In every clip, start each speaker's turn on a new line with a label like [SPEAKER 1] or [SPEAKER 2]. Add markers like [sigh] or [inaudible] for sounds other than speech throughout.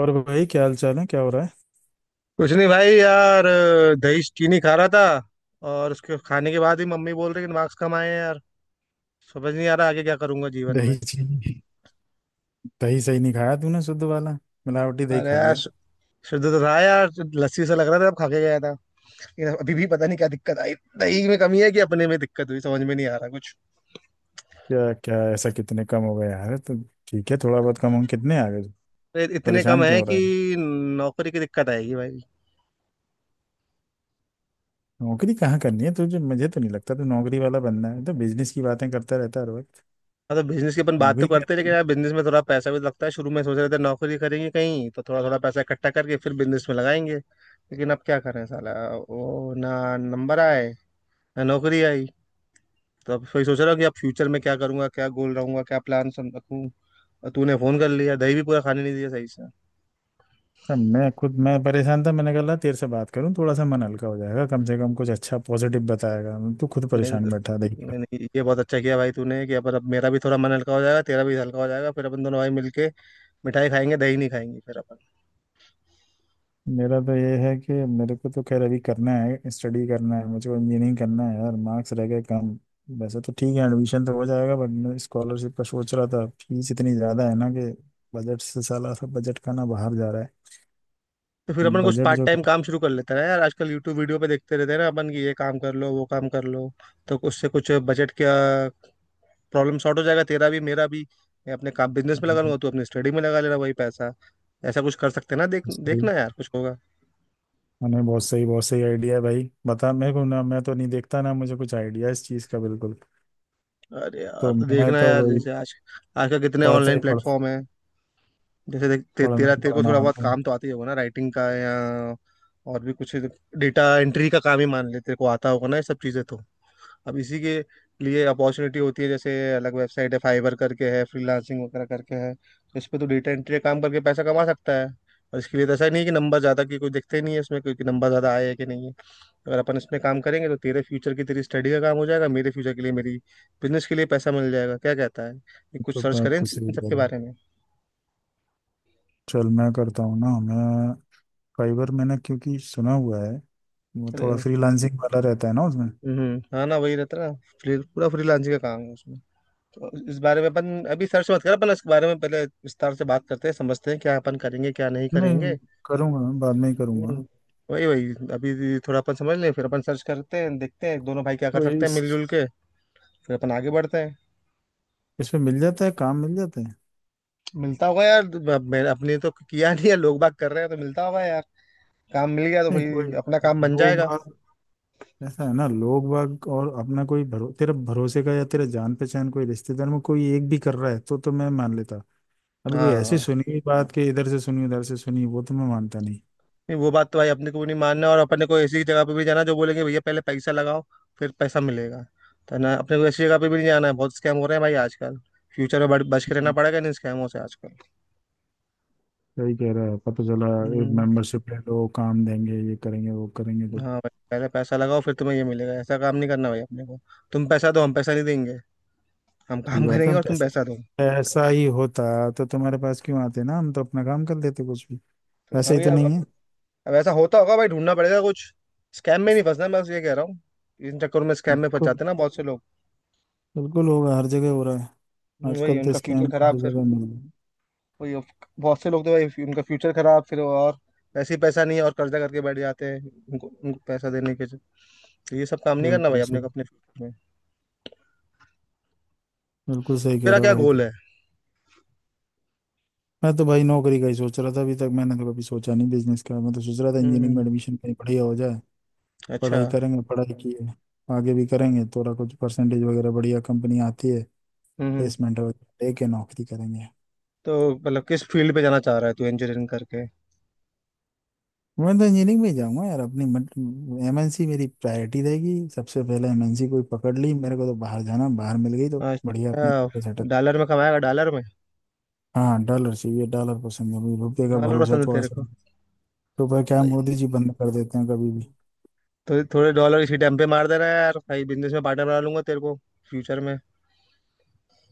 [SPEAKER 1] और भाई, क्या हाल चाल है? क्या हो रहा है?
[SPEAKER 2] कुछ नहीं भाई यार, दही चीनी खा रहा था। और उसके खाने के बाद ही मम्मी बोल रही कि मार्क्स कम आए हैं यार। समझ नहीं आ रहा आगे क्या करूंगा जीवन में।
[SPEAKER 1] दही चीनी? दही सही नहीं खाया तूने, शुद्ध वाला। मिलावटी दही
[SPEAKER 2] अरे
[SPEAKER 1] खा
[SPEAKER 2] यार
[SPEAKER 1] लिया।
[SPEAKER 2] शुद्ध तो था यार। लस्सी सा लग रहा था अब खा के गया था। लेकिन अभी भी पता नहीं क्या दिक्कत आई। दही में कमी है कि अपने में दिक्कत हुई, समझ में नहीं आ रहा कुछ।
[SPEAKER 1] क्या क्या ऐसा, कितने कम हो गया यार तो? ठीक है, थोड़ा बहुत कम हो, कितने आ गए?
[SPEAKER 2] अरे इतने कम
[SPEAKER 1] परेशान क्यों
[SPEAKER 2] है
[SPEAKER 1] हो
[SPEAKER 2] कि
[SPEAKER 1] रहा है?
[SPEAKER 2] नौकरी की दिक्कत आएगी भाई।
[SPEAKER 1] नौकरी कहाँ करनी है तुझे? मुझे तो नहीं लगता तू नौकरी वाला, बनना है तो बिजनेस की बातें करता रहता है हर वक्त।
[SPEAKER 2] हाँ, तो बिजनेस की अपन बात तो
[SPEAKER 1] नौकरी क्या?
[SPEAKER 2] करते हैं, लेकिन यार बिजनेस में थोड़ा पैसा भी तो लगता है। शुरू में सोच रहे थे नौकरी करेंगे कहीं, तो थोड़ा थोड़ा पैसा इकट्ठा करके फिर बिजनेस में लगाएंगे, लेकिन अब क्या करें साला। वो ना नंबर आए, ना नौकरी आई। तो अब वही सोच रहा हूँ कि अब फ्यूचर में क्या करूंगा, क्या गोल रहूंगा, क्या प्लान रखूँ। और तूने फोन कर लिया, दही भी पूरा खाने नहीं दिया सही से।
[SPEAKER 1] अब मैं खुद मैं परेशान था। मैंने कहा, "ला, तेरे से बात करूं, थोड़ा सा मन हल्का हो जाएगा, कम से कम कुछ अच्छा पॉजिटिव बताएगा।" तू खुद
[SPEAKER 2] नहीं नहीं।
[SPEAKER 1] परेशान बैठा।
[SPEAKER 2] नहीं नहीं, ये बहुत अच्छा किया भाई तूने कि अपन। अब मेरा भी थोड़ा मन हल्का हो जाएगा, तेरा भी हल्का हो जाएगा, फिर अपन दोनों भाई मिलके मिठाई खाएंगे, दही नहीं खाएंगे फिर अपन।
[SPEAKER 1] मेरा तो ये है कि मेरे को तो खैर अभी करना है, स्टडी करना है, मुझे इंजीनियरिंग करना है यार। मार्क्स रह गए कम। वैसे तो ठीक है, एडमिशन तो हो जाएगा, बट मैं स्कॉलरशिप का सोच रहा था, फीस इतनी ज़्यादा है ना कि बजट से साला, सब बजट का ना बाहर जा रहा है।
[SPEAKER 2] तो फिर अपन कुछ
[SPEAKER 1] बजट
[SPEAKER 2] पार्ट
[SPEAKER 1] जो।
[SPEAKER 2] टाइम काम शुरू कर लेते हैं ना यार। आजकल यूट्यूब वीडियो पे देखते रहते हैं ना अपन कि ये काम कर लो वो काम कर लो। तो उससे कुछ बजट का प्रॉब्लम सॉर्ट हो जाएगा, तेरा भी मेरा भी। मैं अपने काम बिजनेस में लगा लूंगा, तू अपने स्टडी में लगा लेना वही पैसा। ऐसा कुछ कर सकते हैं ना, देख।
[SPEAKER 1] सही।
[SPEAKER 2] देखना यार कुछ होगा।
[SPEAKER 1] मैंने बहुत सही, बहुत सही आइडिया है भाई। बता मेरे को ना, मैं तो नहीं देखता ना, मुझे कुछ आइडिया इस चीज़ का बिल्कुल।
[SPEAKER 2] अरे यार
[SPEAKER 1] तो
[SPEAKER 2] तो
[SPEAKER 1] मैं
[SPEAKER 2] देखना
[SPEAKER 1] तो
[SPEAKER 2] यार,
[SPEAKER 1] वही
[SPEAKER 2] जैसे आज आजकल कितने
[SPEAKER 1] पढ़ता
[SPEAKER 2] ऑनलाइन
[SPEAKER 1] ही पढ़ता।
[SPEAKER 2] प्लेटफॉर्म है। जैसे
[SPEAKER 1] पढ़ना
[SPEAKER 2] तेरा
[SPEAKER 1] ही
[SPEAKER 2] तेरे को
[SPEAKER 1] पढ़ना
[SPEAKER 2] थोड़ा बहुत
[SPEAKER 1] आता हूँ।
[SPEAKER 2] काम तो आती ही होगा ना, राइटिंग का या और भी कुछ। डेटा एंट्री का काम ही मान ले, तेरे को आता होगा ना ये सब चीजें। तो अब इसी के लिए अपॉर्चुनिटी होती है, जैसे अलग वेबसाइट है, फाइवर करके है, फ्रीलांसिंग वगैरह करके है। तो इस पे तो डेटा एंट्री काम करके पैसा कमा सकता है। और इसके लिए तो ऐसा नहीं है कि नंबर ज़्यादा की कोई दिखते नहीं है इसमें, क्योंकि नंबर ज़्यादा आए है कि नहीं है। अगर अपन इसमें काम करेंगे तो तेरे फ्यूचर की तेरी स्टडी का काम हो जाएगा, मेरे फ्यूचर के लिए मेरी बिजनेस के लिए पैसा मिल जाएगा। क्या कहता है, ये कुछ
[SPEAKER 1] तो
[SPEAKER 2] सर्च
[SPEAKER 1] मैं
[SPEAKER 2] करें इन
[SPEAKER 1] तो सही
[SPEAKER 2] इन सब
[SPEAKER 1] कह
[SPEAKER 2] के
[SPEAKER 1] रहा हूँ।
[SPEAKER 2] बारे में।
[SPEAKER 1] चल, मैं करता हूँ ना मैं। फाइवर मैंने क्योंकि सुना हुआ है। वो थोड़ा
[SPEAKER 2] अरे,
[SPEAKER 1] फ्रीलांसिंग वाला रहता है ना उसमें।
[SPEAKER 2] हम्म, हाँ ना, वही रहता है ना। पूरा फ्रीलांसिंग का काम है उसमें। तो इस बारे में अपन अभी सर्च मत कर, अपन इस बारे में पहले विस्तार से बात करते हैं, समझते हैं क्या अपन करेंगे क्या नहीं
[SPEAKER 1] नहीं,
[SPEAKER 2] करेंगे।
[SPEAKER 1] करूँगा, बाद में ही
[SPEAKER 2] हम्म।
[SPEAKER 1] करूँगा।
[SPEAKER 2] वही वही अभी थोड़ा अपन समझ लें, फिर अपन सर्च करते हैं, देखते हैं दोनों भाई क्या कर
[SPEAKER 1] तो ये
[SPEAKER 2] सकते हैं
[SPEAKER 1] इस
[SPEAKER 2] मिलजुल के। फिर अपन आगे बढ़ते हैं।
[SPEAKER 1] इसमें मिल जाता है, काम मिल जाता है?
[SPEAKER 2] मिलता होगा यार। अब मैं अपने तो किया नहीं है, लोग बात कर रहे हैं तो मिलता होगा यार। काम मिल गया तो
[SPEAKER 1] नहीं
[SPEAKER 2] भाई
[SPEAKER 1] कोई।
[SPEAKER 2] अपना काम बन
[SPEAKER 1] लोग
[SPEAKER 2] जाएगा।
[SPEAKER 1] बाग। ऐसा है ना, लोग बाग, और अपना कोई तेरा भरोसे का या तेरा जान पहचान, कोई रिश्तेदार में कोई एक भी कर रहा है तो मैं मान लेता। अभी कोई ऐसी
[SPEAKER 2] हाँ।
[SPEAKER 1] सुनी हुई बात कि इधर से सुनी, उधर से सुनी, वो तो मैं मानता नहीं।
[SPEAKER 2] नहीं, वो बात तो भाई अपने को भी नहीं मानना, और अपने को ऐसी जगह पे भी जाना जो बोलेंगे भैया पहले पैसा लगाओ फिर पैसा मिलेगा, तो ना अपने को ऐसी जगह पे भी नहीं जाना है। बहुत स्कैम हो रहे हैं भाई आजकल। फ्यूचर में बच बच के रहना पड़ेगा इन स्कैमों से आजकल।
[SPEAKER 1] सही कह रहा है, पता चला।
[SPEAKER 2] हम्म।
[SPEAKER 1] मेंबरशिप ले लो, काम देंगे, ये करेंगे वो करेंगे तो।
[SPEAKER 2] हाँ भाई, पहले पैसा लगाओ फिर तुम्हें ये मिलेगा, ऐसा काम नहीं करना भाई अपने को। तुम पैसा दो, हम पैसा नहीं देंगे। हम
[SPEAKER 1] सही
[SPEAKER 2] काम
[SPEAKER 1] बात
[SPEAKER 2] करेंगे
[SPEAKER 1] है,
[SPEAKER 2] और तुम
[SPEAKER 1] पैसा।
[SPEAKER 2] पैसा दो।
[SPEAKER 1] पैसा ही होता तो तुम्हारे पास क्यों आते ना, हम तो अपना काम कर लेते कुछ भी।
[SPEAKER 2] तो हाँ
[SPEAKER 1] वैसे ही तो
[SPEAKER 2] भैया, अब,
[SPEAKER 1] नहीं
[SPEAKER 2] अब
[SPEAKER 1] है।
[SPEAKER 2] अब ऐसा होता होगा भाई, ढूंढना पड़ेगा कुछ। स्कैम में नहीं फंसना मैं बस ये कह रहा हूँ। इन चक्करों में स्कैम में फंस
[SPEAKER 1] बिल्कुल।
[SPEAKER 2] जाते हैं ना बहुत से लोग।
[SPEAKER 1] बिल्कुल होगा, हर जगह हो रहा है।
[SPEAKER 2] वही
[SPEAKER 1] आजकल तो
[SPEAKER 2] उनका फ्यूचर
[SPEAKER 1] स्कैम
[SPEAKER 2] खराब
[SPEAKER 1] हर
[SPEAKER 2] फिर।
[SPEAKER 1] जगह मिल रहे हैं।
[SPEAKER 2] वही अब बहुत से लोग तो भाई उनका फ्यूचर खराब फिर वो, और वैसे ही पैसा नहीं है और कर्जा करके बैठ जाते हैं उनको उनको पैसा देने के लिए। तो ये सब काम नहीं करना भाई
[SPEAKER 1] बिल्कुल
[SPEAKER 2] अपने
[SPEAKER 1] सही,
[SPEAKER 2] को अपने फ्यूचर में।
[SPEAKER 1] बिल्कुल सही कह
[SPEAKER 2] तेरा
[SPEAKER 1] रहा है
[SPEAKER 2] क्या
[SPEAKER 1] भाई
[SPEAKER 2] गोल
[SPEAKER 1] तू।
[SPEAKER 2] है?
[SPEAKER 1] मैं तो भाई नौकरी का ही सोच रहा था, अभी तक मैंने तो कभी सोचा नहीं बिजनेस का। मैं तो सोच रहा था इंजीनियरिंग में
[SPEAKER 2] हम्म,
[SPEAKER 1] एडमिशन कहीं बढ़िया हो जाए।
[SPEAKER 2] अच्छा।
[SPEAKER 1] पढ़ाई करेंगे, पढ़ाई की है। आगे भी करेंगे थोड़ा, कुछ परसेंटेज वगैरह बढ़िया, कंपनी आती है।
[SPEAKER 2] हम्म,
[SPEAKER 1] प्लेसमेंट वगैरह लेके नौकरी करेंगे।
[SPEAKER 2] तो मतलब किस फील्ड पे जाना चाह रहा है तू इंजीनियरिंग करके?
[SPEAKER 1] मैं तो इंजीनियरिंग में ही जाऊंगा यार। अपनी मतलब एमएनसी मेरी प्रायोरिटी रहेगी सबसे पहले। एमएनसी कोई पकड़ ली मेरे को, तो बाहर जाना, बाहर मिल गई तो बढ़िया अपने।
[SPEAKER 2] अच्छा,
[SPEAKER 1] सेटअप।
[SPEAKER 2] डॉलर में कमाएगा डॉलर में।
[SPEAKER 1] हाँ, डॉलर चाहिए, डॉलर पसंद है मुझे, रुपये का
[SPEAKER 2] डॉलर
[SPEAKER 1] भरोसा
[SPEAKER 2] पसंद है
[SPEAKER 1] थोड़ा
[SPEAKER 2] तेरे
[SPEAKER 1] सा
[SPEAKER 2] को?
[SPEAKER 1] नहीं। रुपये क्या,
[SPEAKER 2] भाई,
[SPEAKER 1] मोदी जी बंद कर देते हैं कभी भी।
[SPEAKER 2] थोड़े थोड़े डॉलर इसी टाइम पे मार दे रहा है यार भाई, बिजनेस में पार्टनर बना लूंगा तेरे को फ्यूचर में।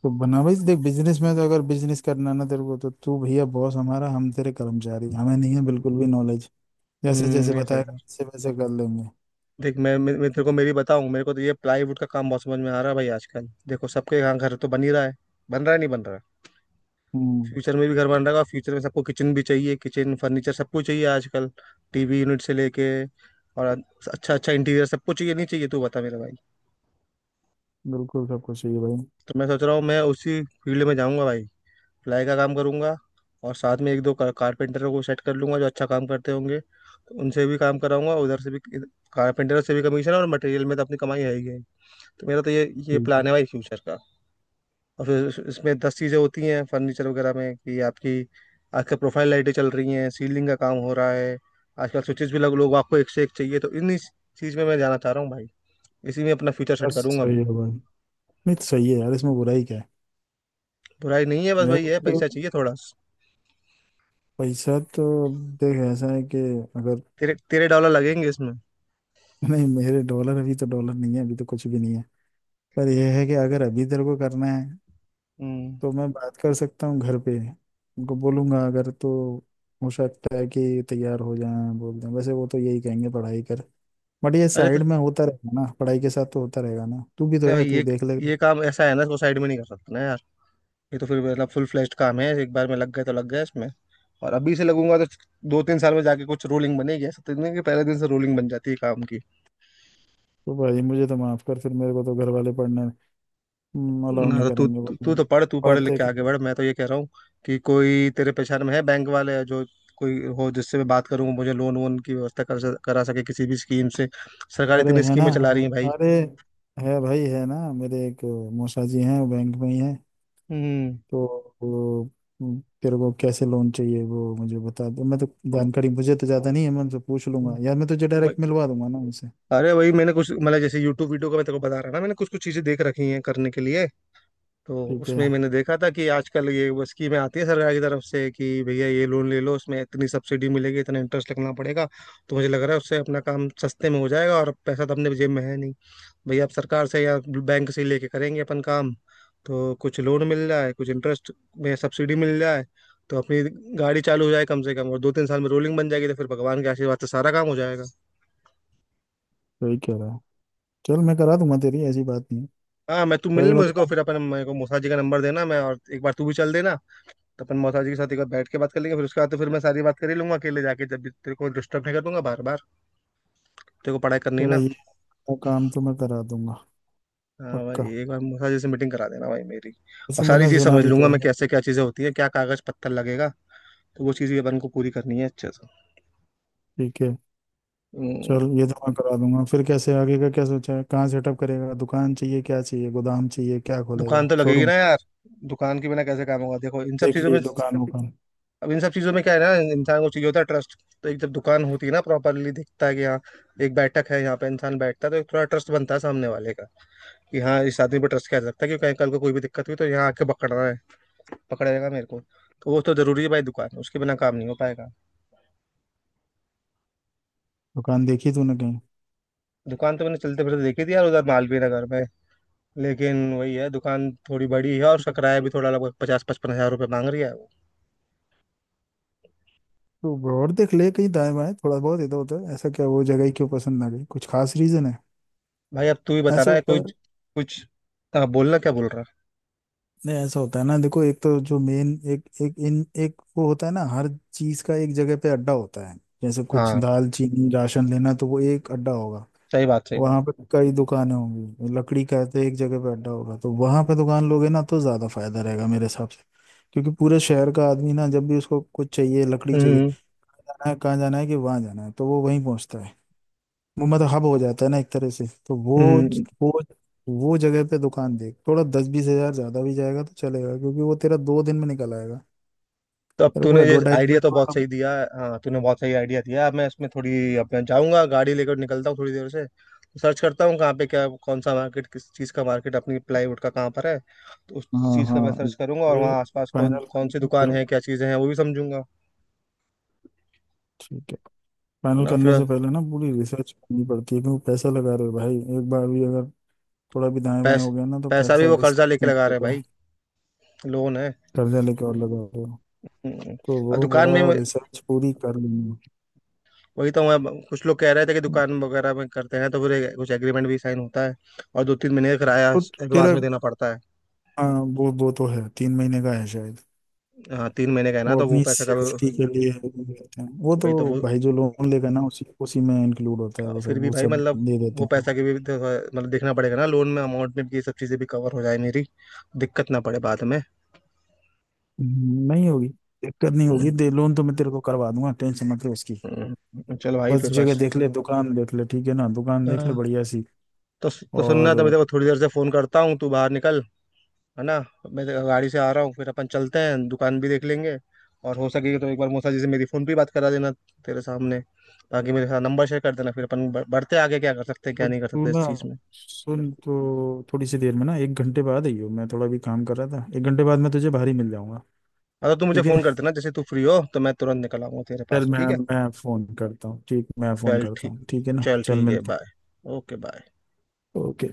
[SPEAKER 1] तो बना भाई, देख, बिजनेस में तो, अगर बिजनेस करना ना तेरे को, तो तू भैया बॉस हमारा, हम तेरे कर्मचारी, हमें नहीं है बिल्कुल भी नॉलेज। जैसे
[SPEAKER 2] हम्म,
[SPEAKER 1] जैसे
[SPEAKER 2] नहीं सही
[SPEAKER 1] बताएगा
[SPEAKER 2] है।
[SPEAKER 1] वैसे वैसे कर लेंगे।
[SPEAKER 2] देख, मैं तेरे
[SPEAKER 1] तो।
[SPEAKER 2] को मेरी बताऊं, मेरे को तो ये प्लाईवुड का काम बहुत समझ में आ रहा है भाई। आजकल देखो सबके यहाँ घर तो बन ही रहा है। बन रहा है, नहीं बन रहा?
[SPEAKER 1] हम्म।
[SPEAKER 2] फ्यूचर में भी घर बन रहा है, और फ्यूचर में सबको किचन भी चाहिए, किचन फर्नीचर सब कुछ चाहिए आजकल। टीवी यूनिट से लेके और अच्छा अच्छा इंटीरियर सब कुछ चाहिए, नहीं चाहिए? तू बता मेरे भाई।
[SPEAKER 1] बिल्कुल, सब कुछ चाहिए भाई।
[SPEAKER 2] तो मैं सोच रहा हूँ, मैं उसी फील्ड में जाऊंगा भाई, प्लाई का काम करूंगा। और साथ में एक दो कारपेंटरों को सेट कर लूंगा जो अच्छा काम करते होंगे, तो उनसे भी काम कराऊंगा उधर से भी, कारपेंटरों से भी कमीशन। और मटेरियल में तो अपनी कमाई है ही है। तो मेरा तो ये
[SPEAKER 1] ठीक है।
[SPEAKER 2] प्लान है भाई फ्यूचर का। और फिर इसमें दस चीज़ें होती हैं फर्नीचर वगैरह में कि आपकी आजकल प्रोफाइल लाइटें चल रही हैं, सीलिंग का काम हो रहा है, आजकल स्विचेस भी लग, लोग आपको एक से एक चाहिए। तो इन चीज़ में मैं जाना चाह रहा हूँ भाई, इसी में अपना फ्यूचर सेट
[SPEAKER 1] बस,
[SPEAKER 2] करूंगा
[SPEAKER 1] सही
[SPEAKER 2] मैं।
[SPEAKER 1] है भाई। नहीं तो सही है यार, इसमें बुराई क्या है?
[SPEAKER 2] बुराई नहीं है, बस
[SPEAKER 1] मेरे
[SPEAKER 2] भाई
[SPEAKER 1] को
[SPEAKER 2] है
[SPEAKER 1] तो,
[SPEAKER 2] पैसा चाहिए थोड़ा।
[SPEAKER 1] पैसा तो, देख, ऐसा है कि अगर,
[SPEAKER 2] तेरे तेरे डॉलर लगेंगे इसमें।
[SPEAKER 1] [laughs] नहीं, मेरे डॉलर, अभी तो डॉलर नहीं है, अभी तो कुछ भी नहीं है। पर यह है कि अगर अभी तेरे को करना है,
[SPEAKER 2] हम्म।
[SPEAKER 1] तो मैं बात कर सकता हूँ घर पे, उनको बोलूंगा अगर, तो हो सकता है कि तैयार हो जाए, बोल दें। वैसे वो तो यही कहेंगे पढ़ाई कर। बट ये
[SPEAKER 2] अरे तो
[SPEAKER 1] साइड में होता रहेगा ना पढ़ाई के साथ, तो होता रहेगा ना, तू भी तो है,
[SPEAKER 2] भाई,
[SPEAKER 1] तू
[SPEAKER 2] ये
[SPEAKER 1] देख लेगा।
[SPEAKER 2] ये काम ऐसा है ना, इसको साइड में नहीं कर सकते ना यार। ये तो फिर मतलब फुल फ्लेश्ड काम है, एक बार में लग गए तो लग गए इसमें। और अभी से लगूंगा तो दो तीन साल में जाके कुछ रूलिंग बनेगी। ऐसा तो नहीं कि पहले दिन से रूलिंग बन जाती है काम की।
[SPEAKER 1] तो भाई मुझे तो माफ कर फिर, मेरे को तो घर वाले पढ़ने अलाउ
[SPEAKER 2] ना,
[SPEAKER 1] नहीं
[SPEAKER 2] तो तू
[SPEAKER 1] करेंगे वो
[SPEAKER 2] तू
[SPEAKER 1] तो।
[SPEAKER 2] तू तो पढ़, तू पढ़ लिख
[SPEAKER 1] पढ़ते।
[SPEAKER 2] के आगे बढ़। मैं तो ये कह रहा हूँ कि कोई तेरे पहचान में है बैंक वाले, जो कोई हो जिससे मैं बात करूँ, मुझे लोन वोन की व्यवस्था कर करा सके किसी भी स्कीम से। सरकार
[SPEAKER 1] अरे,
[SPEAKER 2] इतनी
[SPEAKER 1] है ना,
[SPEAKER 2] स्कीमें चला रही
[SPEAKER 1] है,
[SPEAKER 2] है भाई।
[SPEAKER 1] अरे, है भाई, है ना। मेरे एक मौसा जी हैं, वो बैंक में ही हैं।
[SPEAKER 2] हम्म।
[SPEAKER 1] तो वो, तेरे को कैसे लोन चाहिए वो मुझे बता दो, मैं तो जानकारी मुझे तो ज़्यादा नहीं है, मैं उनसे पूछ लूंगा
[SPEAKER 2] हम्म,
[SPEAKER 1] यार, मैं तुझे
[SPEAKER 2] वही-
[SPEAKER 1] डायरेक्ट मिलवा दूंगा ना उनसे।
[SPEAKER 2] अरे वही, मैंने कुछ मतलब जैसे यूट्यूब वीडियो का मैं तेरे को बता रहा ना, मैंने कुछ कुछ चीजें देख रखी हैं करने के लिए। तो
[SPEAKER 1] ठीक
[SPEAKER 2] उसमें
[SPEAKER 1] है।
[SPEAKER 2] मैंने देखा था कि आजकल ये वो स्कीमें आती है सरकार की तरफ से, कि भैया ये लोन ले लो उसमें इतनी सब्सिडी मिलेगी, इतना इंटरेस्ट लगना पड़ेगा। तो मुझे लग रहा है उससे अपना काम सस्ते में हो जाएगा, और पैसा तो अपने जेब में है नहीं। भैया आप सरकार से या बैंक से लेके करेंगे अपन काम। तो कुछ लोन मिल जाए, कुछ इंटरेस्ट में सब्सिडी मिल जाए, तो अपनी गाड़ी चालू हो जाए कम से कम। और दो तीन साल में रोलिंग बन जाएगी, तो फिर भगवान के आशीर्वाद से सारा काम हो जाएगा।
[SPEAKER 1] सही कह रहा है। चल, मैं करा दूंगा तेरी, ऐसी बात नहीं है।
[SPEAKER 2] हाँ मैं, तू
[SPEAKER 1] तेरा
[SPEAKER 2] मिल
[SPEAKER 1] ये
[SPEAKER 2] मुझको,
[SPEAKER 1] बता।
[SPEAKER 2] फिर अपन मेरे को मूसा जी का नंबर देना, मैं और एक बार तू भी चल देना। तो अपन मौसा जी के साथ एक बार बैठ के बात कर लेंगे, फिर उसके बाद तो फिर मैं सारी बात कर ही लूंगा अकेले जाके, जब भी तेरे को डिस्टर्ब नहीं कर दूंगा बार बार। तेरे को पढ़ाई करनी है
[SPEAKER 1] तेरा
[SPEAKER 2] ना।
[SPEAKER 1] ये वाला काम तो मैं करा दूंगा।
[SPEAKER 2] हाँ भाई,
[SPEAKER 1] पक्का।
[SPEAKER 2] एक बार मौसा जी से मीटिंग करा देना भाई मेरी। और
[SPEAKER 1] वैसे
[SPEAKER 2] सारी
[SPEAKER 1] मैंने
[SPEAKER 2] चीज़
[SPEAKER 1] सुना
[SPEAKER 2] समझ
[SPEAKER 1] भी
[SPEAKER 2] लूंगा
[SPEAKER 1] तो
[SPEAKER 2] मैं
[SPEAKER 1] है।
[SPEAKER 2] कैसे क्या चीज़ें होती है, क्या कागज पत्थर लगेगा। तो वो चीज़ भी अपन को पूरी करनी है अच्छे से।
[SPEAKER 1] ठीक है। चल,
[SPEAKER 2] हम्म।
[SPEAKER 1] ये तो मैं करा दूंगा। फिर कैसे, आगे का क्या सोचा है? कहाँ सेटअप करेगा? दुकान चाहिए, क्या चाहिए, गोदाम चाहिए? क्या खोलेगा,
[SPEAKER 2] दुकान तो लगेगी
[SPEAKER 1] शोरूम?
[SPEAKER 2] ना यार, दुकान के बिना कैसे काम होगा देखो इन सब
[SPEAKER 1] देख
[SPEAKER 2] चीज़ों
[SPEAKER 1] ली
[SPEAKER 2] में।
[SPEAKER 1] दुकान वुकान?
[SPEAKER 2] अब इन सब चीज़ों में क्या है ना, इंसान को चाहिए होता है ट्रस्ट। तो एक जब दुकान होती है ना प्रॉपरली, दिखता है कि यहाँ एक बैठक है यहाँ पे इंसान बैठता है, तो एक थोड़ा ट्रस्ट बनता है सामने वाले का कि हाँ इस आदमी पर ट्रस्ट किया जा सकता है। कि कहीं कल को कोई भी दिक्कत हुई तो यहाँ आके पकड़ रहा है, पकड़ेगा मेरे को। तो वो तो जरूरी है भाई दुकान, उसके बिना काम नहीं हो पाएगा।
[SPEAKER 1] दुकान देखी तूने?
[SPEAKER 2] दुकान तो मैंने चलते फिरते देखी थी यार उधर मालवीय नगर में। लेकिन वही है, दुकान थोड़ी बड़ी है और उसका किराया भी
[SPEAKER 1] कहीं
[SPEAKER 2] थोड़ा लगभग पचास पचपन हजार रुपये मांग रही है वो।
[SPEAKER 1] तो और देख ले, कहीं दाएं बाएं, थोड़ा बहुत इधर उधर। ऐसा क्या, वो जगह ही क्यों पसंद ना गई? कुछ खास रीजन है?
[SPEAKER 2] भाई अब तू ही बता
[SPEAKER 1] ऐसे
[SPEAKER 2] रहा है
[SPEAKER 1] होता
[SPEAKER 2] कुछ
[SPEAKER 1] है।
[SPEAKER 2] कुछ। हाँ, बोलना क्या बोल रहा
[SPEAKER 1] नहीं, ऐसा होता है ना, देखो, एक तो जो मेन एक एक इन एक वो होता है ना, हर चीज का एक जगह पे अड्डा होता है। जैसे
[SPEAKER 2] है।
[SPEAKER 1] कुछ
[SPEAKER 2] हाँ
[SPEAKER 1] दाल चीनी राशन लेना तो वो एक अड्डा होगा।
[SPEAKER 2] सही बात, सही बात।
[SPEAKER 1] वहां पे तो कई दुकानें होंगी। लकड़ी का है तो एक जगह पे अड्डा होगा, तो वहां पे दुकान लोगे ना तो ज्यादा फायदा रहेगा मेरे हिसाब से। क्योंकि पूरे शहर का आदमी ना, जब भी उसको कुछ चाहिए, लकड़ी चाहिए,
[SPEAKER 2] हम्म।
[SPEAKER 1] जाना है कहाँ, जाना है कि वहां जाना है, तो वो वहीं पहुंचता है। वो मतलब हब हो जाता है ना एक तरह से, तो
[SPEAKER 2] हम्म,
[SPEAKER 1] वो वो जगह पे दुकान देख। थोड़ा 10-20 हज़ार ज्यादा भी जाएगा तो चलेगा, क्योंकि वो तेरा 2 दिन में निकल आएगा।
[SPEAKER 2] तो अब
[SPEAKER 1] तेरे
[SPEAKER 2] तूने
[SPEAKER 1] को
[SPEAKER 2] ये आइडिया
[SPEAKER 1] एडवर्टाइजमेंट
[SPEAKER 2] तो बहुत
[SPEAKER 1] वाला?
[SPEAKER 2] सही दिया है। हाँ तूने बहुत सही आइडिया दिया। अब मैं इसमें थोड़ी अपना जाऊंगा, गाड़ी लेकर निकलता हूँ थोड़ी देर से, तो सर्च करता हूँ कहाँ पे क्या, कौन सा मार्केट, किस चीज़ का मार्केट अपनी प्लाईवुड का कहाँ पर है। तो उस
[SPEAKER 1] हाँ,
[SPEAKER 2] चीज़ का मैं
[SPEAKER 1] हाँ।
[SPEAKER 2] सर्च करूंगा, और
[SPEAKER 1] ये
[SPEAKER 2] वहाँ आसपास कौन
[SPEAKER 1] फाइनल
[SPEAKER 2] कौन सी
[SPEAKER 1] करना
[SPEAKER 2] दुकान है,
[SPEAKER 1] बिल्कुल,
[SPEAKER 2] क्या चीज़ें हैं वो भी समझूंगा।
[SPEAKER 1] ठीक है।
[SPEAKER 2] है
[SPEAKER 1] फाइनल
[SPEAKER 2] ना फिर।
[SPEAKER 1] करने से पहले ना पूरी रिसर्च करनी पड़ती है, क्योंकि पैसा लगा रहे हो भाई। एक बार भी अगर थोड़ा भी दाएं बाएं
[SPEAKER 2] पैस,
[SPEAKER 1] हो गया ना तो
[SPEAKER 2] पैसा भी
[SPEAKER 1] पैसा
[SPEAKER 2] वो कर्जा
[SPEAKER 1] रिस्क
[SPEAKER 2] लेके
[SPEAKER 1] में
[SPEAKER 2] लगा रहे हैं
[SPEAKER 1] होता
[SPEAKER 2] भाई,
[SPEAKER 1] है।
[SPEAKER 2] लोन है।
[SPEAKER 1] कर्जा लेके और लगा रहे हो?
[SPEAKER 2] हम्म।
[SPEAKER 1] तो वो
[SPEAKER 2] और दुकान
[SPEAKER 1] बड़ा,
[SPEAKER 2] में मैं-
[SPEAKER 1] रिसर्च पूरी कर लेनी
[SPEAKER 2] वही तो मैं, कुछ लोग कह रहे थे कि
[SPEAKER 1] है।
[SPEAKER 2] दुकान वगैरह में करते हैं तो फिर कुछ एग्रीमेंट भी साइन होता है, और दो तीन महीने का किराया
[SPEAKER 1] तो
[SPEAKER 2] एडवांस
[SPEAKER 1] तेरा,
[SPEAKER 2] में देना पड़ता है।
[SPEAKER 1] हाँ, वो तो है, 3 महीने का है शायद।
[SPEAKER 2] हाँ तीन महीने का है ना,
[SPEAKER 1] वो
[SPEAKER 2] तो वो
[SPEAKER 1] अपनी
[SPEAKER 2] पैसा का,
[SPEAKER 1] सेफ्टी के लिए देते हैं वो तो।
[SPEAKER 2] वही तो वो।
[SPEAKER 1] भाई जो लोन लेगा ना उसी उसी में इंक्लूड होता है, वो
[SPEAKER 2] फिर
[SPEAKER 1] सब,
[SPEAKER 2] भी
[SPEAKER 1] वो
[SPEAKER 2] भाई
[SPEAKER 1] सब
[SPEAKER 2] मतलब
[SPEAKER 1] दे देते
[SPEAKER 2] वो पैसा
[SPEAKER 1] हैं।
[SPEAKER 2] की भी तो, मतलब देखना पड़ेगा ना, लोन में अमाउंट में भी ये सब चीज़ें भी कवर हो जाए मेरी, दिक्कत ना पड़े बाद में।
[SPEAKER 1] नहीं होगी दिक्कत, नहीं
[SPEAKER 2] हम्म।
[SPEAKER 1] होगी। दे लोन तो मैं तेरे को करवा दूंगा, टेंशन मत ले उसकी।
[SPEAKER 2] चल भाई
[SPEAKER 1] बस,
[SPEAKER 2] फिर
[SPEAKER 1] जगह
[SPEAKER 2] बस।
[SPEAKER 1] देख ले, दुकान देख ले, ठीक है ना, दुकान देख ले
[SPEAKER 2] हाँ,
[SPEAKER 1] बढ़िया सी।
[SPEAKER 2] तो सुनना,
[SPEAKER 1] और,
[SPEAKER 2] तो मैं तेरे को थोड़ी देर से फ़ोन करता हूँ, तू बाहर निकल है ना। मैं तेरे गाड़ी से आ रहा हूँ, फिर अपन चलते हैं, दुकान भी देख लेंगे। और हो सके तो एक बार मौसा जी से मेरी फ़ोन पे बात करा देना तेरे सामने। बाकी मेरे साथ नंबर शेयर कर देना, फिर अपन बढ़ते हैं आगे, क्या कर सकते हैं
[SPEAKER 1] तो
[SPEAKER 2] क्या नहीं कर
[SPEAKER 1] तू
[SPEAKER 2] सकते इस
[SPEAKER 1] ना
[SPEAKER 2] चीज़ में।
[SPEAKER 1] सुन, तो थोड़ी सी देर में ना 1 घंटे बाद आई हो, मैं थोड़ा भी काम कर रहा था, 1 घंटे बाद मैं तुझे बाहर ही मिल जाऊंगा।
[SPEAKER 2] हाँ तो तू मुझे
[SPEAKER 1] ठीक है।
[SPEAKER 2] फोन कर देना, जैसे तू फ्री हो तो मैं तुरंत निकल आऊंगा तेरे
[SPEAKER 1] चल,
[SPEAKER 2] पास,
[SPEAKER 1] मैं
[SPEAKER 2] ठीक है।
[SPEAKER 1] मैं फोन करता हूँ, ठीक, मैं फोन
[SPEAKER 2] चल
[SPEAKER 1] करता
[SPEAKER 2] ठीक।
[SPEAKER 1] हूँ, ठीक है ना,
[SPEAKER 2] चल
[SPEAKER 1] चल
[SPEAKER 2] ठीक है,
[SPEAKER 1] मिलते हैं।
[SPEAKER 2] बाय। Okay, bye.
[SPEAKER 1] ओके।